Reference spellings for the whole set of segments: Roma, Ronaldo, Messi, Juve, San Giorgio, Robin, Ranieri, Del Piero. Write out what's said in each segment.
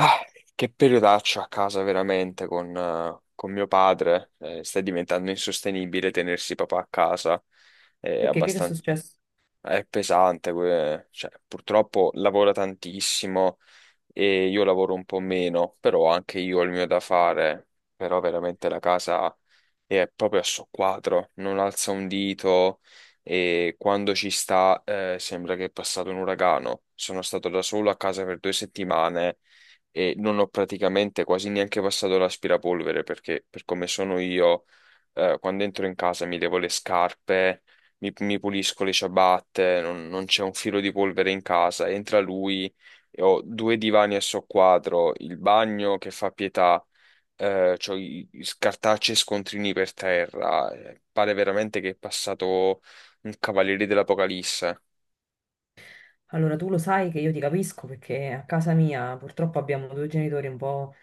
Ah, che periodaccio a casa veramente con con mio padre. Sta diventando insostenibile tenersi papà a casa. È Perché che è abbastanza, successo? è pesante. Cioè, purtroppo lavora tantissimo e io lavoro un po' meno, però anche io ho il mio da fare. Però veramente la casa è proprio a soqquadro, non alza un dito e quando ci sta, sembra che è passato un uragano. Sono stato da solo a casa per due settimane e non ho praticamente quasi neanche passato l'aspirapolvere perché per come sono io, quando entro in casa mi levo le scarpe, mi pulisco le ciabatte, non c'è un filo di polvere in casa, entra lui, e ho due divani a soqquadro, il bagno che fa pietà, i cartacei e scontrini per terra, pare veramente che è passato un cavaliere dell'Apocalisse. Allora, tu lo sai che io ti capisco perché a casa mia purtroppo abbiamo due genitori un po'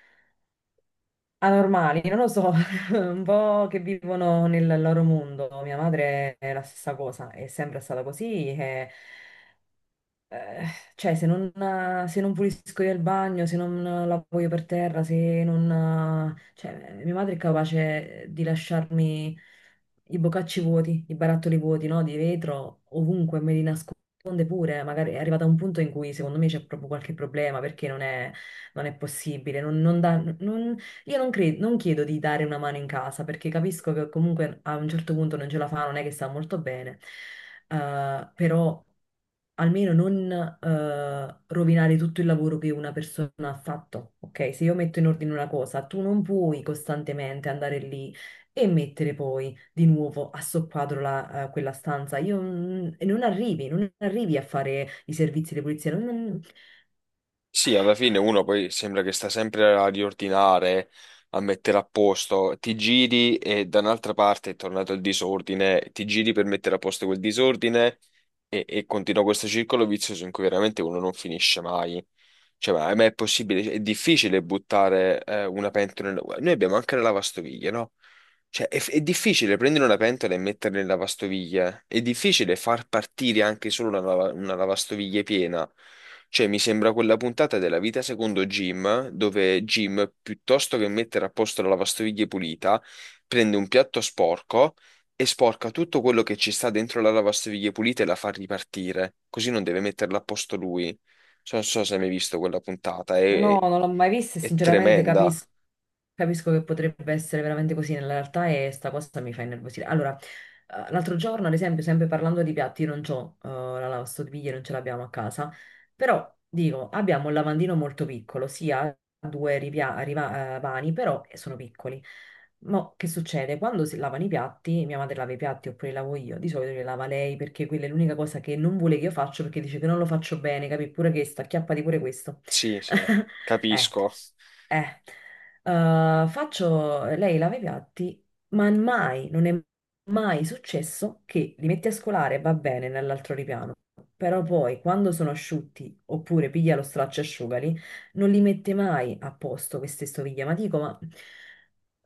anormali, non lo so, un po' che vivono nel loro mondo. Mia madre è la stessa cosa, è sempre stata così, e eh, cioè, se non pulisco io il bagno, se non lavo io per terra, se non... Cioè, mia madre è capace di lasciarmi i boccacci vuoti, i barattoli vuoti, no? Di vetro, ovunque, me li nasconde pure. Magari è arrivata a un punto in cui secondo me c'è proprio qualche problema, perché non è possibile. Non, non dà- non- io non cre- non chiedo di dare una mano in casa, perché capisco che comunque a un certo punto non ce la fa, non è che sta molto bene. Però almeno non rovinare tutto il lavoro che una persona ha fatto, ok? Se io metto in ordine una cosa, tu non puoi costantemente andare lì e mettere poi di nuovo a soqquadro quella stanza. E non arrivi a fare i servizi di pulizia, non, Sì, alla fine uno poi sembra che sta sempre a riordinare, a mettere a posto, ti giri e da un'altra parte è tornato il disordine, ti giri per mettere a posto quel disordine e continua questo circolo vizioso in cui veramente uno non finisce mai. Cioè, ma è possibile, è difficile buttare una pentola nella Noi abbiamo anche la lavastoviglie, no? Cioè, è difficile prendere una pentola e metterla in lavastoviglie, è difficile far partire anche solo una lavastoviglie piena. Cioè, mi sembra quella puntata della vita secondo Jim, dove Jim, piuttosto che mettere a posto la lavastoviglie pulita, prende un piatto sporco e sporca tutto quello che ci sta dentro la lavastoviglie pulita e la fa ripartire, così non deve metterla a posto lui. Non so se hai mai visto quella puntata, No, non l'ho mai vista e è sinceramente tremenda. Capisco che potrebbe essere veramente così nella realtà e sta cosa mi fa innervosire. Allora, l'altro giorno, ad esempio, sempre parlando di piatti, io non c'ho la lavastoviglie, non ce l'abbiamo a casa, però dico, abbiamo un lavandino molto piccolo, sia due vani, però sono piccoli. Ma che succede? Quando si lavano i piatti, mia madre lava i piatti oppure li lavo io, di solito li lava lei perché quella è l'unica cosa che non vuole che io faccia perché dice che non lo faccio bene, capi? Pure questa, acchiappati pure questo. Sì, sì, Eh, capisco. eh, faccio Lei lava i piatti, ma mai, non è mai successo che li metti a scolare, va bene, nell'altro ripiano. Però poi, quando sono asciutti, oppure piglia lo straccio e asciugali, non li mette mai a posto queste stoviglie. Ma dico, ma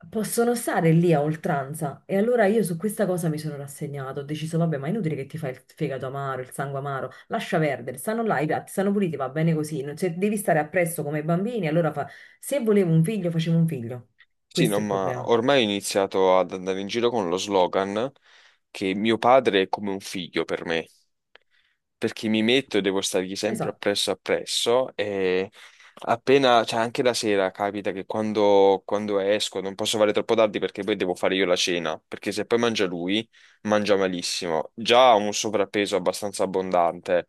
possono stare lì a oltranza? E allora io su questa cosa mi sono rassegnato, ho deciso, vabbè, ma è inutile che ti fai il fegato amaro, il sangue amaro, lascia perdere, stanno là, i piatti stanno puliti, va bene così. Se devi stare appresso come bambini, allora fa se volevo un figlio, facevo un figlio. Sì, no, Questo è il ma problema. ormai ho iniziato ad andare in giro con lo slogan che mio padre è come un figlio per me. Perché mi metto e devo stargli sempre Esatto. appresso appresso e appena, cioè anche la sera capita che quando esco non posso fare troppo tardi perché poi devo fare io la cena, perché se poi mangia lui, mangia malissimo. Già ha un sovrappeso abbastanza abbondante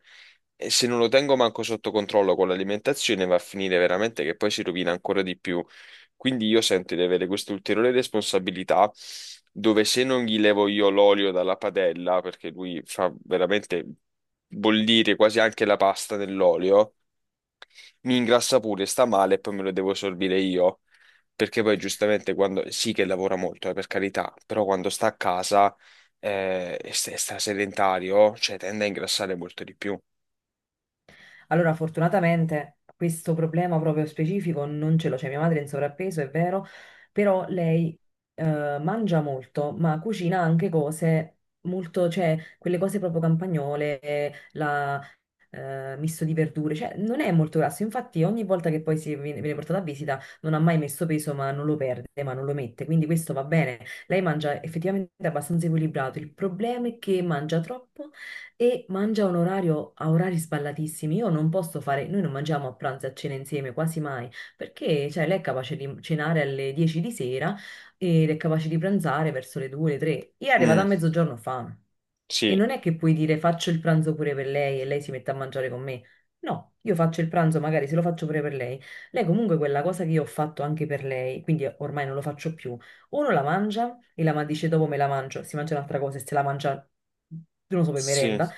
e se non lo tengo manco sotto controllo con l'alimentazione va a finire veramente che poi si rovina ancora di più, quindi io sento di avere questa ulteriore responsabilità dove se non gli levo io l'olio dalla padella, perché lui fa veramente bollire quasi anche la pasta nell'olio, mi ingrassa pure, sta male e poi me lo devo sorbire io. Perché poi giustamente quando sì che lavora molto, per carità, però quando sta a casa e sta sedentario, cioè tende a ingrassare molto di più. Allora, fortunatamente, questo problema proprio specifico non ce l'ho. Cioè, mia madre è in sovrappeso, è vero, però lei eh, mangia molto, ma cucina anche cose molto, cioè, quelle cose proprio campagnole, la misto di verdure, cioè non è molto grasso, infatti ogni volta che poi si viene, viene portato a visita non ha mai messo peso ma non lo perde, ma non lo mette, quindi questo va bene, lei mangia effettivamente abbastanza equilibrato, il problema è che mangia troppo e mangia a un orario, a orari sballatissimi, io non posso fare, noi non mangiamo a pranzo e a cena insieme quasi mai, perché cioè, lei è capace di cenare alle 10 di sera ed è capace di pranzare verso le due, le tre. Io è arrivata a Mm, mezzogiorno ho fame. E sì, non è che puoi dire faccio il pranzo pure per lei e lei si mette a mangiare con me. No, io faccio il pranzo, magari se lo faccio pure per lei. Lei comunque quella cosa che io ho fatto anche per lei, quindi ormai non lo faccio più. Uno la mangia e dice dopo me la mangio, si mangia un'altra cosa e se la mangia, non lo so, per sì. merenda.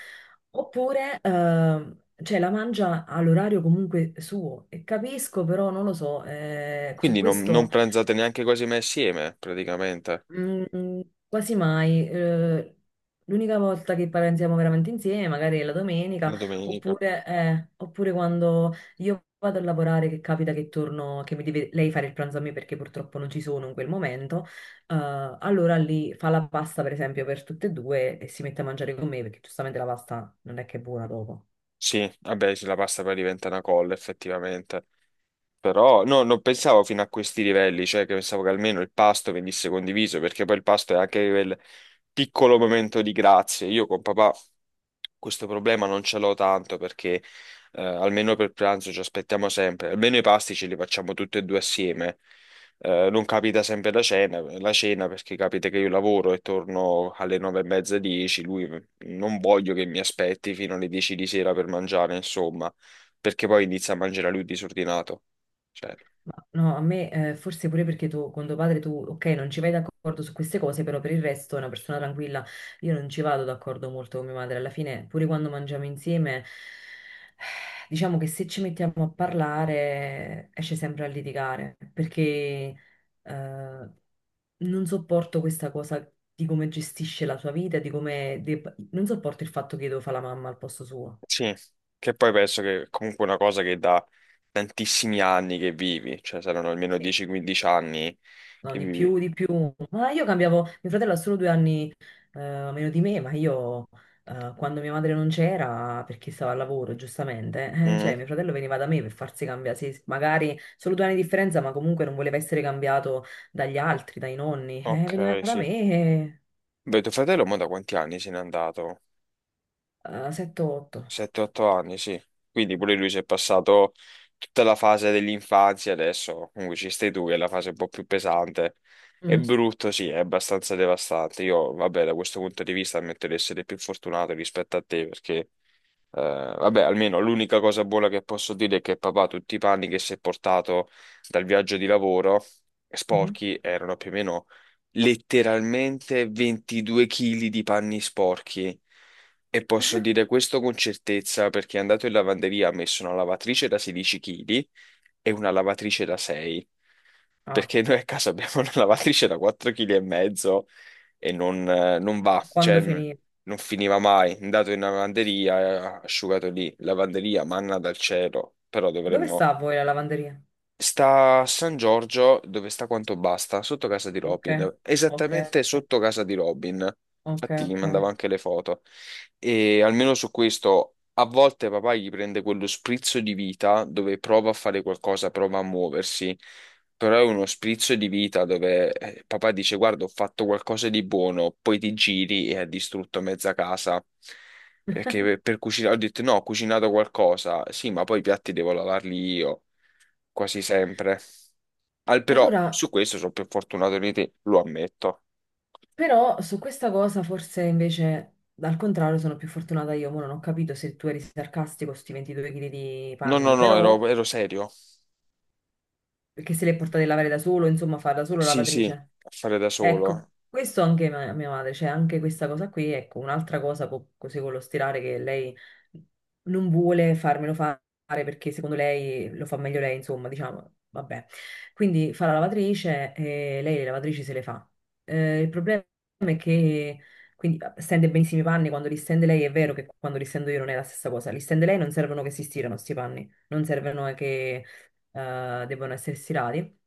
Oppure, cioè, la mangia all'orario comunque suo. E capisco, però non lo so, su Quindi non questo. pranzate neanche quasi mai assieme, praticamente, Mm, quasi mai. L'unica volta che parliamo veramente insieme, magari è la domenica, la domenica. oppure, oppure quando io vado a lavorare, che capita che torno, che mi deve lei fare il pranzo a me perché purtroppo non ci sono in quel momento, eh, allora lì fa la pasta per esempio per tutte e due e si mette a mangiare con me perché giustamente la pasta non è che è buona dopo. Sì, vabbè, sì, la pasta poi diventa una colla effettivamente. Però no, non pensavo fino a questi livelli, cioè che pensavo che almeno il pasto venisse condiviso, perché poi il pasto è anche quel piccolo momento di grazie. Io con papà questo problema non ce l'ho tanto perché almeno per pranzo ci aspettiamo sempre, almeno i pasti ce li facciamo tutti e due assieme. Non capita sempre la cena perché capita che io lavoro e torno alle nove e mezza, dieci, lui non voglio che mi aspetti fino alle dieci di sera per mangiare, insomma, perché poi inizia a mangiare lui disordinato. Cioè, Ma no, a me forse pure perché tu, con tuo padre, tu, ok, non ci vai d'accordo su queste cose, però per il resto è una persona tranquilla. Io non ci vado d'accordo molto con mia madre. Alla fine, pure quando mangiamo insieme, diciamo che se ci mettiamo a parlare, esce sempre a litigare, perché eh, non sopporto questa cosa di come gestisce la sua vita, di come... Non sopporto il fatto che devo fare la mamma al posto suo. sì, che poi penso che comunque è una cosa che da tantissimi anni che vivi, cioè saranno almeno Sì. 10-15 anni No, che di vivi. più, di più. Ma io cambiavo, mio fratello ha solo 2 anni eh, meno di me, ma io quando mia madre non c'era, perché stava al lavoro, giustamente, cioè Mm, mio fratello veniva da me per farsi cambiare, sì, sì, magari solo due anni di differenza, ma comunque non voleva essere cambiato dagli altri, dai nonni. Ok, Veniva da me sì. Beh, tuo fratello mo da quanti anni se n'è andato? a 7-8. 7-8 anni, sì. Quindi pure lui si è passato tutta la fase dell'infanzia, adesso comunque ci stai tu, che è la fase un po' più pesante. È brutto, sì, è abbastanza devastante. Io, vabbè, da questo punto di vista ammetto di essere più fortunato rispetto a te, perché eh, vabbè, almeno l'unica cosa buona che posso dire è che papà tutti i panni che si è portato dal viaggio di lavoro sporchi erano più o meno letteralmente 22 kg di panni sporchi. E posso dire questo con certezza perché è andato in lavanderia, ha messo una lavatrice da 16 kg e una lavatrice da 6. Ah, Perché noi a casa abbiamo una lavatrice da 4,5 kg e non, non e va, quando finì? non finiva mai. Andato in lavanderia, asciugato lì, lavanderia, manna dal cielo, però Dove dovremmo sta a voi la lavanderia? Sta a San Giorgio, dove sta quanto basta, sotto casa di Ok, Robin, ok, esattamente ok, sotto casa di Robin. ok, Infatti gli ok. mandavo anche le foto. E almeno su questo, a volte papà gli prende quello sprizzo di vita dove prova a fare qualcosa, prova a muoversi, però è uno sprizzo di vita dove papà dice: Guarda, ho fatto qualcosa di buono, poi ti giri e ha distrutto mezza casa. Perché per cucinare, ho detto: No, ho cucinato qualcosa, sì, ma poi i piatti devo lavarli io quasi sempre. Al però Allora, su questo sono più fortunato di te, lo ammetto. però su questa cosa forse invece al contrario sono più fortunata io, ora non ho capito se tu eri sarcastico con sti 22 kg di No, no, panni, no, però ero serio. perché se li è portati a lavare da solo, insomma fa da solo Sì, sì, lavatrice. a fare da Ecco, solo. questo anche mia madre, c'è anche questa cosa qui, ecco, un'altra cosa così con lo stirare che lei non vuole farmelo fare perché secondo lei lo fa meglio lei, insomma, diciamo, vabbè. Quindi fa la lavatrice e lei le lavatrici se le fa. Il problema è che quindi stende benissimo i panni, quando li stende lei è vero che quando li stendo io non è la stessa cosa, li stende lei non servono che si stirano sti panni, non servono che devono essere stirati.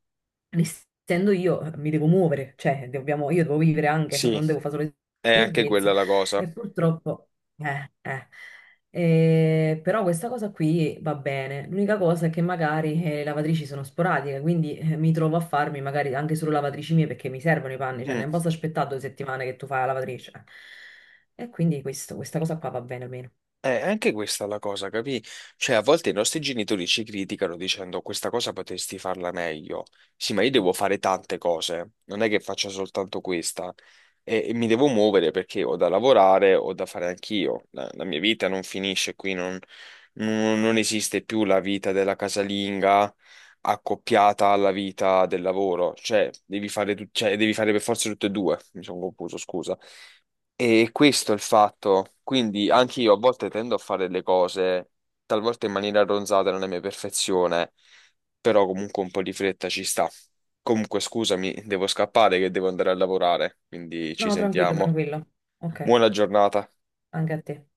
Essendo io, mi devo muovere, cioè io devo vivere anche, Sì, non devo fare solo i è anche servizi. quella la cosa. E purtroppo, eh, eh. Però questa cosa qui va bene. L'unica cosa è che magari le lavatrici sono sporadiche, quindi mi trovo a farmi magari anche solo lavatrici mie perché mi servono i panni, cioè Mm, non posso aspettare 2 settimane che tu fai la lavatrice. E quindi questa cosa qua va bene almeno. è anche questa la cosa, capì? Cioè, a volte i nostri genitori ci criticano dicendo questa cosa potresti farla meglio. Sì, ma io devo fare tante cose, non è che faccia soltanto questa. E mi devo muovere perché ho da lavorare, ho da fare anch'io. La mia vita non finisce qui, non esiste più la vita della casalinga accoppiata alla vita del lavoro, cioè devi fare, cioè, devi fare per forza tutte e due. Mi sono confuso, scusa. E questo è il fatto. Quindi anche io a volte tendo a fare le cose talvolta in maniera ronzata non è mia perfezione, però comunque un po' di fretta ci sta. Comunque, scusami, devo scappare che devo andare a lavorare, quindi ci No, tranquillo, sentiamo. tranquillo. Ok, Buona giornata. anche a te.